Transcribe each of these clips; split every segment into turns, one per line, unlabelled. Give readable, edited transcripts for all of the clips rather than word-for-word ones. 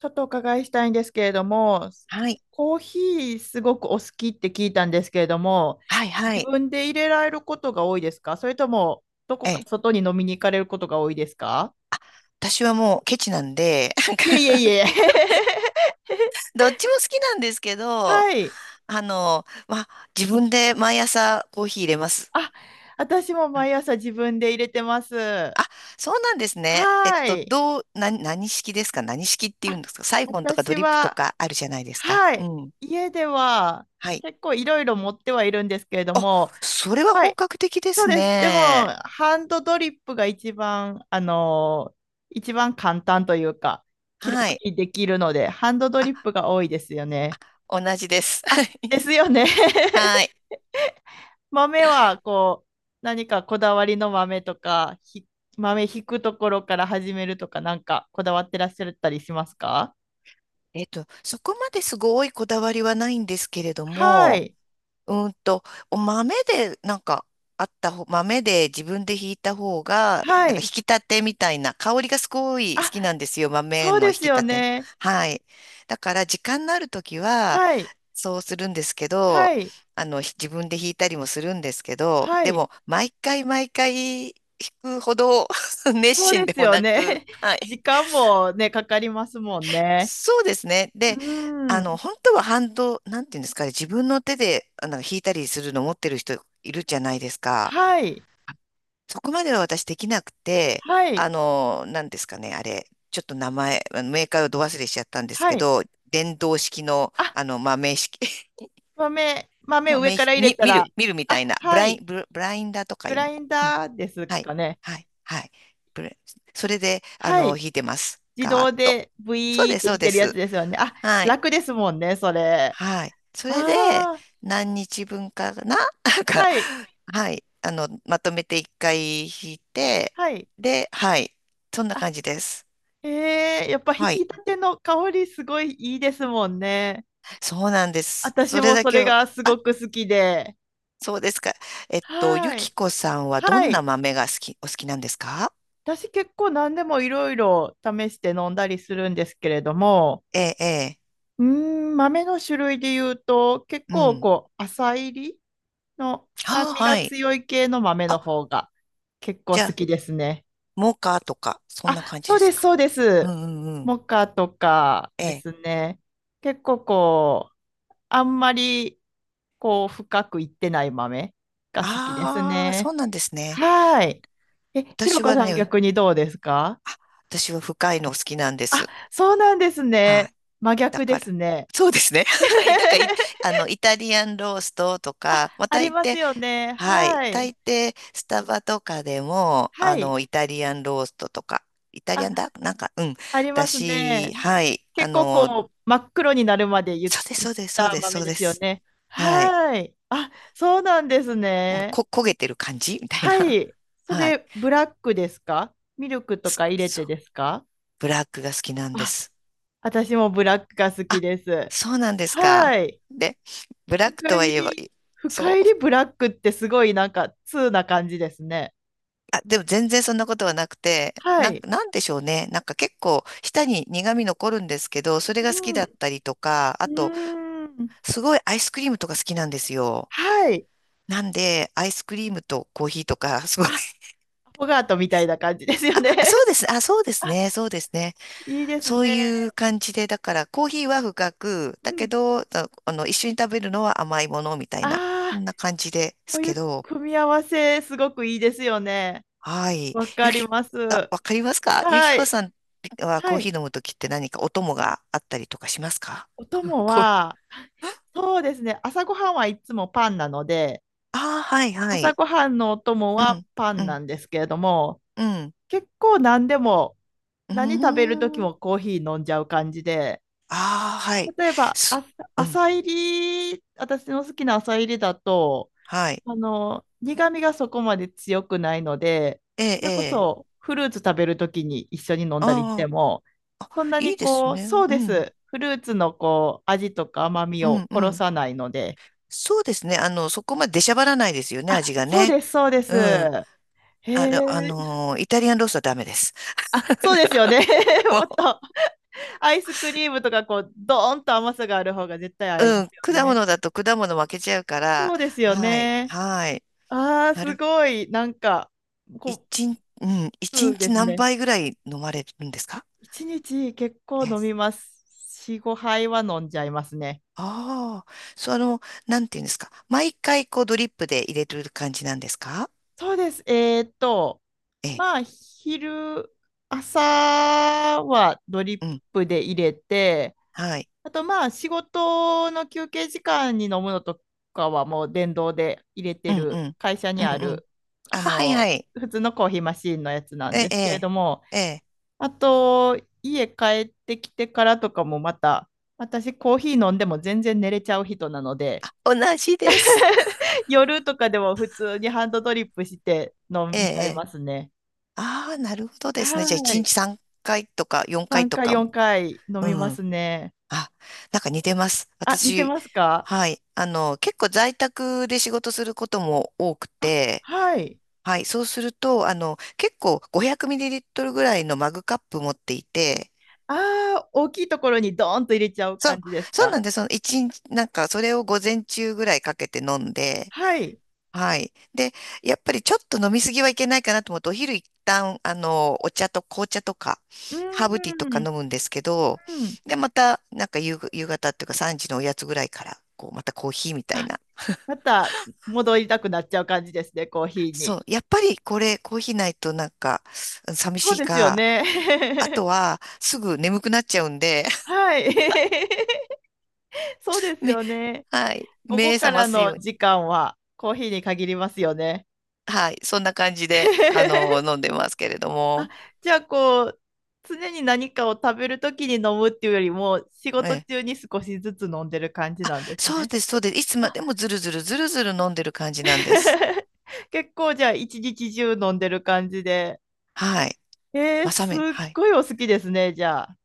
ちょっとお伺いしたいんですけれども、
はい。
コーヒーすごくお好きって聞いたんですけれども、
はいは
自
い。
分で入れられることが多いですか、それとも、どこ
え
か
え。
外に飲みに行かれることが多いですか？
私はもうケチなんで、なんか
いえいえい え。
どっちも好きなんですけど、
はい。
まあ、自分で毎朝コーヒー入れます。
あ、私も
はい。
毎朝自分で入れてます。
あ、そうなんですね。
はい。
どう、な、何式ですか？何式っていう
あ、
んですか？サイフォンとかド
私
リップと
は、
かあるじゃないですか。
は
う
い。
ん。
家では
はい。
結構いろいろ持ってはいるんですけれど
あ、
も、
それは
は
本
い。
格的で
そう
す
です。でも、
ね。
ハンドドリップが一番、あのー一番簡単というか、気楽
はい。
にできるので、ハンドド
あ、
リップが多いですよね。
同じです。
あ、で すよね。
はい。
豆は、こう、何かこだわりの豆とか、豆ひくところから始めるとか、なんかこだわってらっしゃったりしますか？
そこまですごいこだわりはないんですけれど
は
も、
い。
うーんと、お豆で、なんか、あった方、豆で自分でひいた方が、
は
なんか引
い。
き立てみたいな、香りがすごい好
あ、
きなんですよ、豆
そう
の
で
引き
すよ
立て。
ね。
はい。だから、時間のあるときは、
はい。
そうするんですけど、
はい。
自分で引いたりもするんですけど、
は
で
い。
も、毎回毎回引くほど 熱
そう
心
で
で
す
も
よ
な
ね。
く、は
時
い。
間もね、かかりますもんね。
そうですね。
う
で、
ーん。
本当はハンド、なんていうんですかね、自分の手で、弾いたりするの持ってる人いるじゃないですか。
はい。
そこまでは私できなくて、
はい。
なんですかね、あれ、ちょっと名前、あのメーカーをど忘れしちゃったんです
は
け
い。
ど、電動式の、
あ、
まあ、名式、
豆、豆
まあ、
上から入れたら、
見るみた
あ、
いな、
はい。
ブラインダーとか
グ
いう
ラ
の。
イン
うん。
ダーです
はい、
かね。
はい、はい。ブレそれで、
はい。
弾いてます。
自
ガーッ
動
と。
でブ
そう
イー
で
っ
す、
て
そ
弾
うで
けるやつ
す。
ですよね。あ、
はい。
楽ですもんね、それ。
はい。そ
あ
れで、
あ、
何日分かな なんか、
はい。
はい。まとめて一回引いて、
はい。
で、はい。そんな
あ、
感じです。
へえ、やっぱ引
は
き
い。
立ての香りすごいいいですもんね。
そうなんです。
私
それ
も
だ
そ
け
れ
を、
がす
あ、
ごく好きで。
そうですか。ゆ
は
き
い。
こさんはど
は
んな
い。
豆がお好きなんですか？
私結構何でもいろいろ試して飲んだりするんですけれども、
ええ、ええ。
豆の種類で言うと、結
う
構
ん。
こう、浅入りの酸
ああ、
味が
はい。
強い系の豆の
あ、
方が結構
じゃ
好
あ、
きですね。
モカとか、そんな
あ、
感じ
そ
で
う
す
です、
か？
そうで
う
す。
んうんうん。
モカとか
え
です
え。
ね。結構こう、あんまりこう、深くいってない豆が好きです
ああ、そう
ね。
なんですね。
はい。え、ひろ
私
こ
は
さん
ね、
逆にどうですか？
あ、私は深いの好きなんで
あ、
す。
そうなんです
は
ね。
い。
真
だ
逆で
か
す
ら。
ね。
そうですね。はい。だから、い あの、イタリアンローストと
あ、
か、まあ、
あり
大
ます
抵、
よね。
はい。
はい。
大抵、スタバとかでも、
はい。
イタリアンローストとか、イタリア
あ、
ンだなんか、うん。
あり
だ
ます
し、
ね。
はい。
結構こう、真っ黒になるまで言
そうです、
いっ
そうです、そう
た
です、そ
豆
う
で
で
すよ
す。
ね。
はい。
はい。あ、そうなんです
もう、
ね。
焦げてる感じみたい
は
な。
い。そ
はい。
れ、ブラックですか？ミルクと
す
か入れ
そ
て
う。
ですか？
ブラックが好きなんで
あ、
す。
私もブラックが好き
あ、
です。
そうなんですか。
はい。
で、ブラック
深
と
入
は言えば、
り、
い
深
そ
入
う。
りブラックってすごいなんか、通な感じですね。
あ、でも全然そんなことはなくて、
はい。
なんでしょうね。なんか結構舌に苦味残るんですけど、それが好き
うん。う
だったりとか、あと、
ーん。
すごいアイスクリームとか好きなんですよ。
はい。
なんで、アイスクリームとコーヒーとか、すご
あ、
い。
アフォガートみたいな感じですよね。
あ、そうで す。あ、そうです
あ、
ね。そうですね。
いいです
そ
ね。
ういう感じで、だからコーヒーは深く、
う
だ
ん。
けど、一緒に食べるのは甘いものみたいな、そ
ああ、
んな感じで
そ
す
うい
け
う
ど、
組み合わせ、すごくいいですよね。
はい。
わか
ゆ
り
き、
ます。
あ、わかりますか？ゆき
は
こ
い。
さんはコ
は
ーヒ
い。
ー飲むときって何かお供があったりとかしますか？
お供
こう、
は、そうですね。朝ごはんはいつもパンなので、
ああ、はい、は
朝
い。
ごはんのお供
う
は
ん、
パ
う
ンな
ん、
んですけれども、
うん。
結構何でも、
うー
何食べる時
ん。
もコーヒー飲んじゃう感じで、
ああ、はい。
例えば、あ、
す、うん、
浅入り、私の好きな浅入りだと、
はい。
あの、苦味がそこまで強くないので、
ええ、
そ
え
れこ
え。
そフルーツ食べるときに一緒に飲ん
あ
だりして
あ、
も、そんな
いい
に
です
こう、
ね。
そう
う
で
ん、
す。フルーツのこう、味とか甘み
う
を
ん、う
殺
ん。
さないので、
そうですね。そこまで出しゃばらないですよね、
あ、
味が
そう
ね。
です、そうです。
うん。
へえ、
イタリアンロースはダメです。
あ、そうですよ ね。もっと、アイスクリームとかこう、ドーンと甘さがある方が絶対合いま
う
す
ん、
よ
果
ね。
物だと果物負けちゃうか
そ
ら、
うですよ
はい、
ね。
はい。
ああ、
な
す
る、
ごい。なんか、こ
一日、うん、
う、
一
そうで
日
す
何
ね。
杯ぐらい飲まれるんですか？
一日結
え
構
え。
飲みます。4、5杯は飲んじゃいますね。
ああ、なんていうんですか。毎回こうドリップで入れてる感じなんですか？
そうです。
ええ、
まあ、朝はドリッ
うん、
プで入れて、
はい。
あとまあ、仕事の休憩時間に飲むのとかはもう電動で入れ
う
て
ん、う
る、
ん、
会社
う
にあ
ん、うん。
る、
あ、
あ
はい
の、
はい。
普通のコーヒーマシーンのやつな
え
ん
え、
で
え
すけれども、
え、ええ
あと、家帰ってきてからとかもまた、私コーヒー飲んでも全然寝れちゃう人なので、
同じです。
夜とかでも普通にハンドドリップして飲
ええ、え
みちゃい
え。
ますね。
ああ、なるほどですね。じゃあ
は
一
い。
日3回とか4回
3
と
回、
か、
4回飲
う
みま
ん。
すね。
あ、なんか似てます。
あ、似て
私、
ますか？
はい。結構在宅で仕事することも多く
あ、
て、
はい。
はい。そうすると、結構 500ml ぐらいのマグカップ持っていて、
ああ、大きいところにドーンと入れちゃう
そ
感
う、
じです
そうな
か？
んです。その一日、なんかそれを午前中ぐらいかけて飲んで、
はい。
はい。で、やっぱりちょっと飲みすぎはいけないかなと思って、お昼一旦、お茶と紅茶とか、
う
ハーブティーとか
ーん。
飲むんですけど、
うん。
で、また、なんか夕方っていうか3時のおやつぐらいから、こう、またコーヒーみたい
あ、
な。
また戻りたくなっちゃう感じですね、コーヒーに。
そう。やっぱりこれ、コーヒーないとなんか、寂
そう
しい
ですよ
か、
ね。
あとは、すぐ眠くなっちゃうんで、
はい。そうで す
め、
よね。
はい。
午
目
後か
覚ま
ら
す
の
ように。
時間はコーヒーに限りますよね。
はい。そんな感じで、飲 んでますけれど
あ、
も。
じゃあこう、常に何かを食べるときに飲むっていうよりも、仕
え
事中
え。
に少しずつ飲んでる感じなんです
そう
ね。
です、そうです。いつまでもずるずるずるずる飲んでる感じなんです。
結構じゃあ一日中飲んでる感じで。
はい。
えー、すっ
はい。
ごいお好きですね、じゃあ。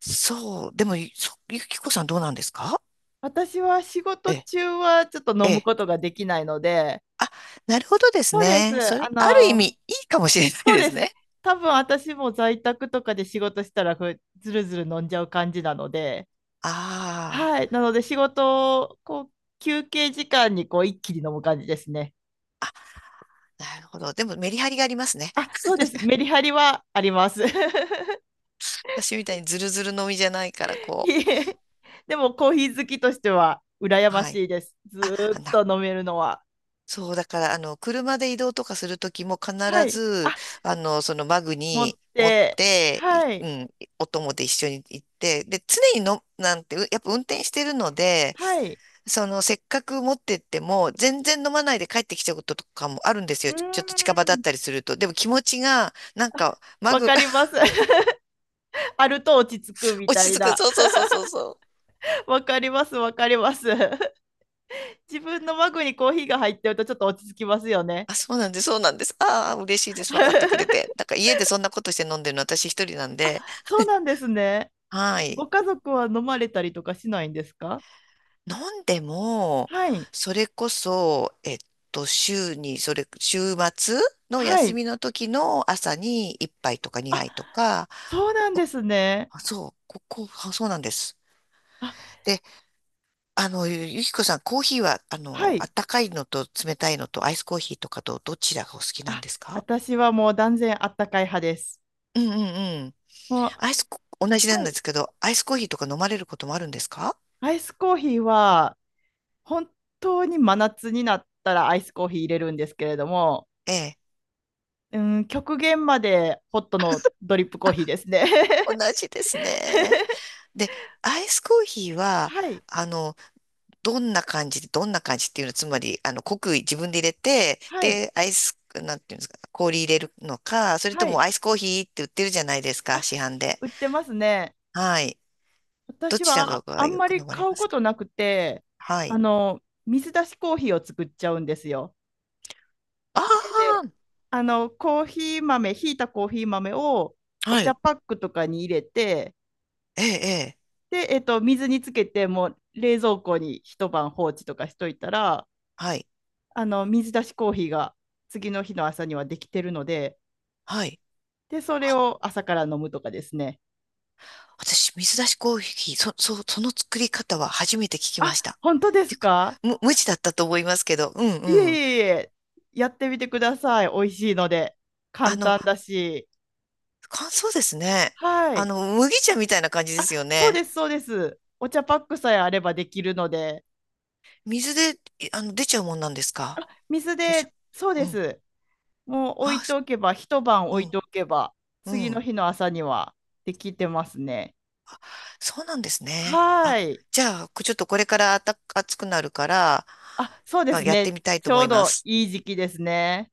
そう。でも、ゆきこさんどうなんですか？
私は仕
え
事
え、
中はちょっと
え
飲む
え。
ことができないので、
あ、なるほどです
そうで
ね。そ
す。あ
れ、ある意味、
の、
いいかもしれない
そう
で
で
す
す。
ね。
多分私も在宅とかで仕事したらずるずる飲んじゃう感じなので、
あ
はい。なので仕事をこう休憩時間にこう一気に飲む感じですね。
あ、なるほど。でも、メリハリがありますね。
あ、そうです。メリハリはあります。
私みたいにズルズルのみじゃないから、
い
こ
え、でもコーヒー好きとしては羨
う。
ま
はい。
しいです。ず
あ、
ーっと飲めるのは。
そう、だから、車で移動とかするときも必
はい。
ず、
あ、
そのバッグ
持っ
に持っ
て。
て、い
はい。
うん、お供で一緒に行って、で、常にの、なんて、うやっぱ運転してるので、
はい。
せっかく持ってっても、全然飲まないで帰ってきちゃうこととかもあるんです
う
よ。
ー
ちょっと近場だっ
ん。
たりすると。でも気持ちが、なんか、マ
わ
グ、
かりま す。あると落ち着くみ
落
た
ち
い
着く。
な。
そうそうそうそうそう。
わかります。わかります。自分のマグにコーヒーが入ってるとちょっと落ち着きますよね。
あ、そうなんです、そうなんです。ああ、嬉しいです。分かってくれ て。だから家でそんなことして飲んでるの私一人なんで。
そう なんですね。
はい。
ご家族は飲まれたりとかしないんですか？
飲んでも、
はい。
それこそ、週に、それ、週末の
は
休
い。
みの時の朝に一杯とか
あ、
二杯とか、
そうなんですね。
あそう、あそうなんです。
あ、
でゆきこさん、コーヒーは、
は
あ
い。
ったかいのと冷たいのとアイスコーヒーとかとどちらがお好きなん
あ、
ですか？
私はもう断然あったかい派です。
うんうんうん。
も
アイ
う、
スコ、同じな
は
んで
い。
すけど、アイスコーヒーとか飲まれることもあるんですか？
アイスコーヒーは本当に真夏になったらアイスコーヒー入れるんですけれども、
ええ。
うん、極限までホットのドリップコーヒーですね。
同 じですね。で、アイスコーヒーは、
はい。
あの、どんな感じで、どんな感じっていうのは、つまり、濃く自分で入れて、
はい。
で、アイス、なんていうんですか、氷入れるのか、それと
は
も
い。
アイスコーヒーって売ってるじゃないですか、
あ、
市販で。
売ってますね。
はい。ど
私
ちら
は
が
あん
よ
ま
く
り
飲まれ
買
ま
う
す
こ
か？
となくて、
は
あ
い。
の、水出しコーヒーを作っちゃうんですよ。家で。
あ
あの、コーヒー豆、ひいたコーヒー豆を
あ、
お
は
茶
い。
パックとかに入れて、
ええ、ええ、
で、水につけて、もう冷蔵庫に一晩放置とかしといたら、
はい、
あの、水出しコーヒーが次の日の朝にはできてるので、
はい。
で、それ
あ、
を朝から飲むとかですね。
私、水出しコーヒー、その作り方は初めて聞きま
あ、
した。っ
本当で
て
す
いうか、
か？
無知だったと思いますけど、うんう
いえ
ん。
いえいえ、やってみてください。美味しいので。
あ
簡
の、
単だし。
乾燥ですね。
はい。
麦茶みたいな感じで
あ、
すよ
そう
ね。
です、そうです。お茶パックさえあればできるので。
水で、いあの、出ちゃうもんなんですか？
水
出ちゃ
で、そう
う。
で
うん。
す。もう置
あ、
いて
す
おけば、一晩
う
置い
ん、
ておけば、
う
次の
ん。
日の朝にはできてますね。
そうなんですね。
は
あ、
い。
じゃあ、ちょっとこれから暑くなるから、
あ、そうで
まあ
す
やっ
ね。
てみたい
ち
と
ょ
思
う
いま
ど
す。
いい時期ですね。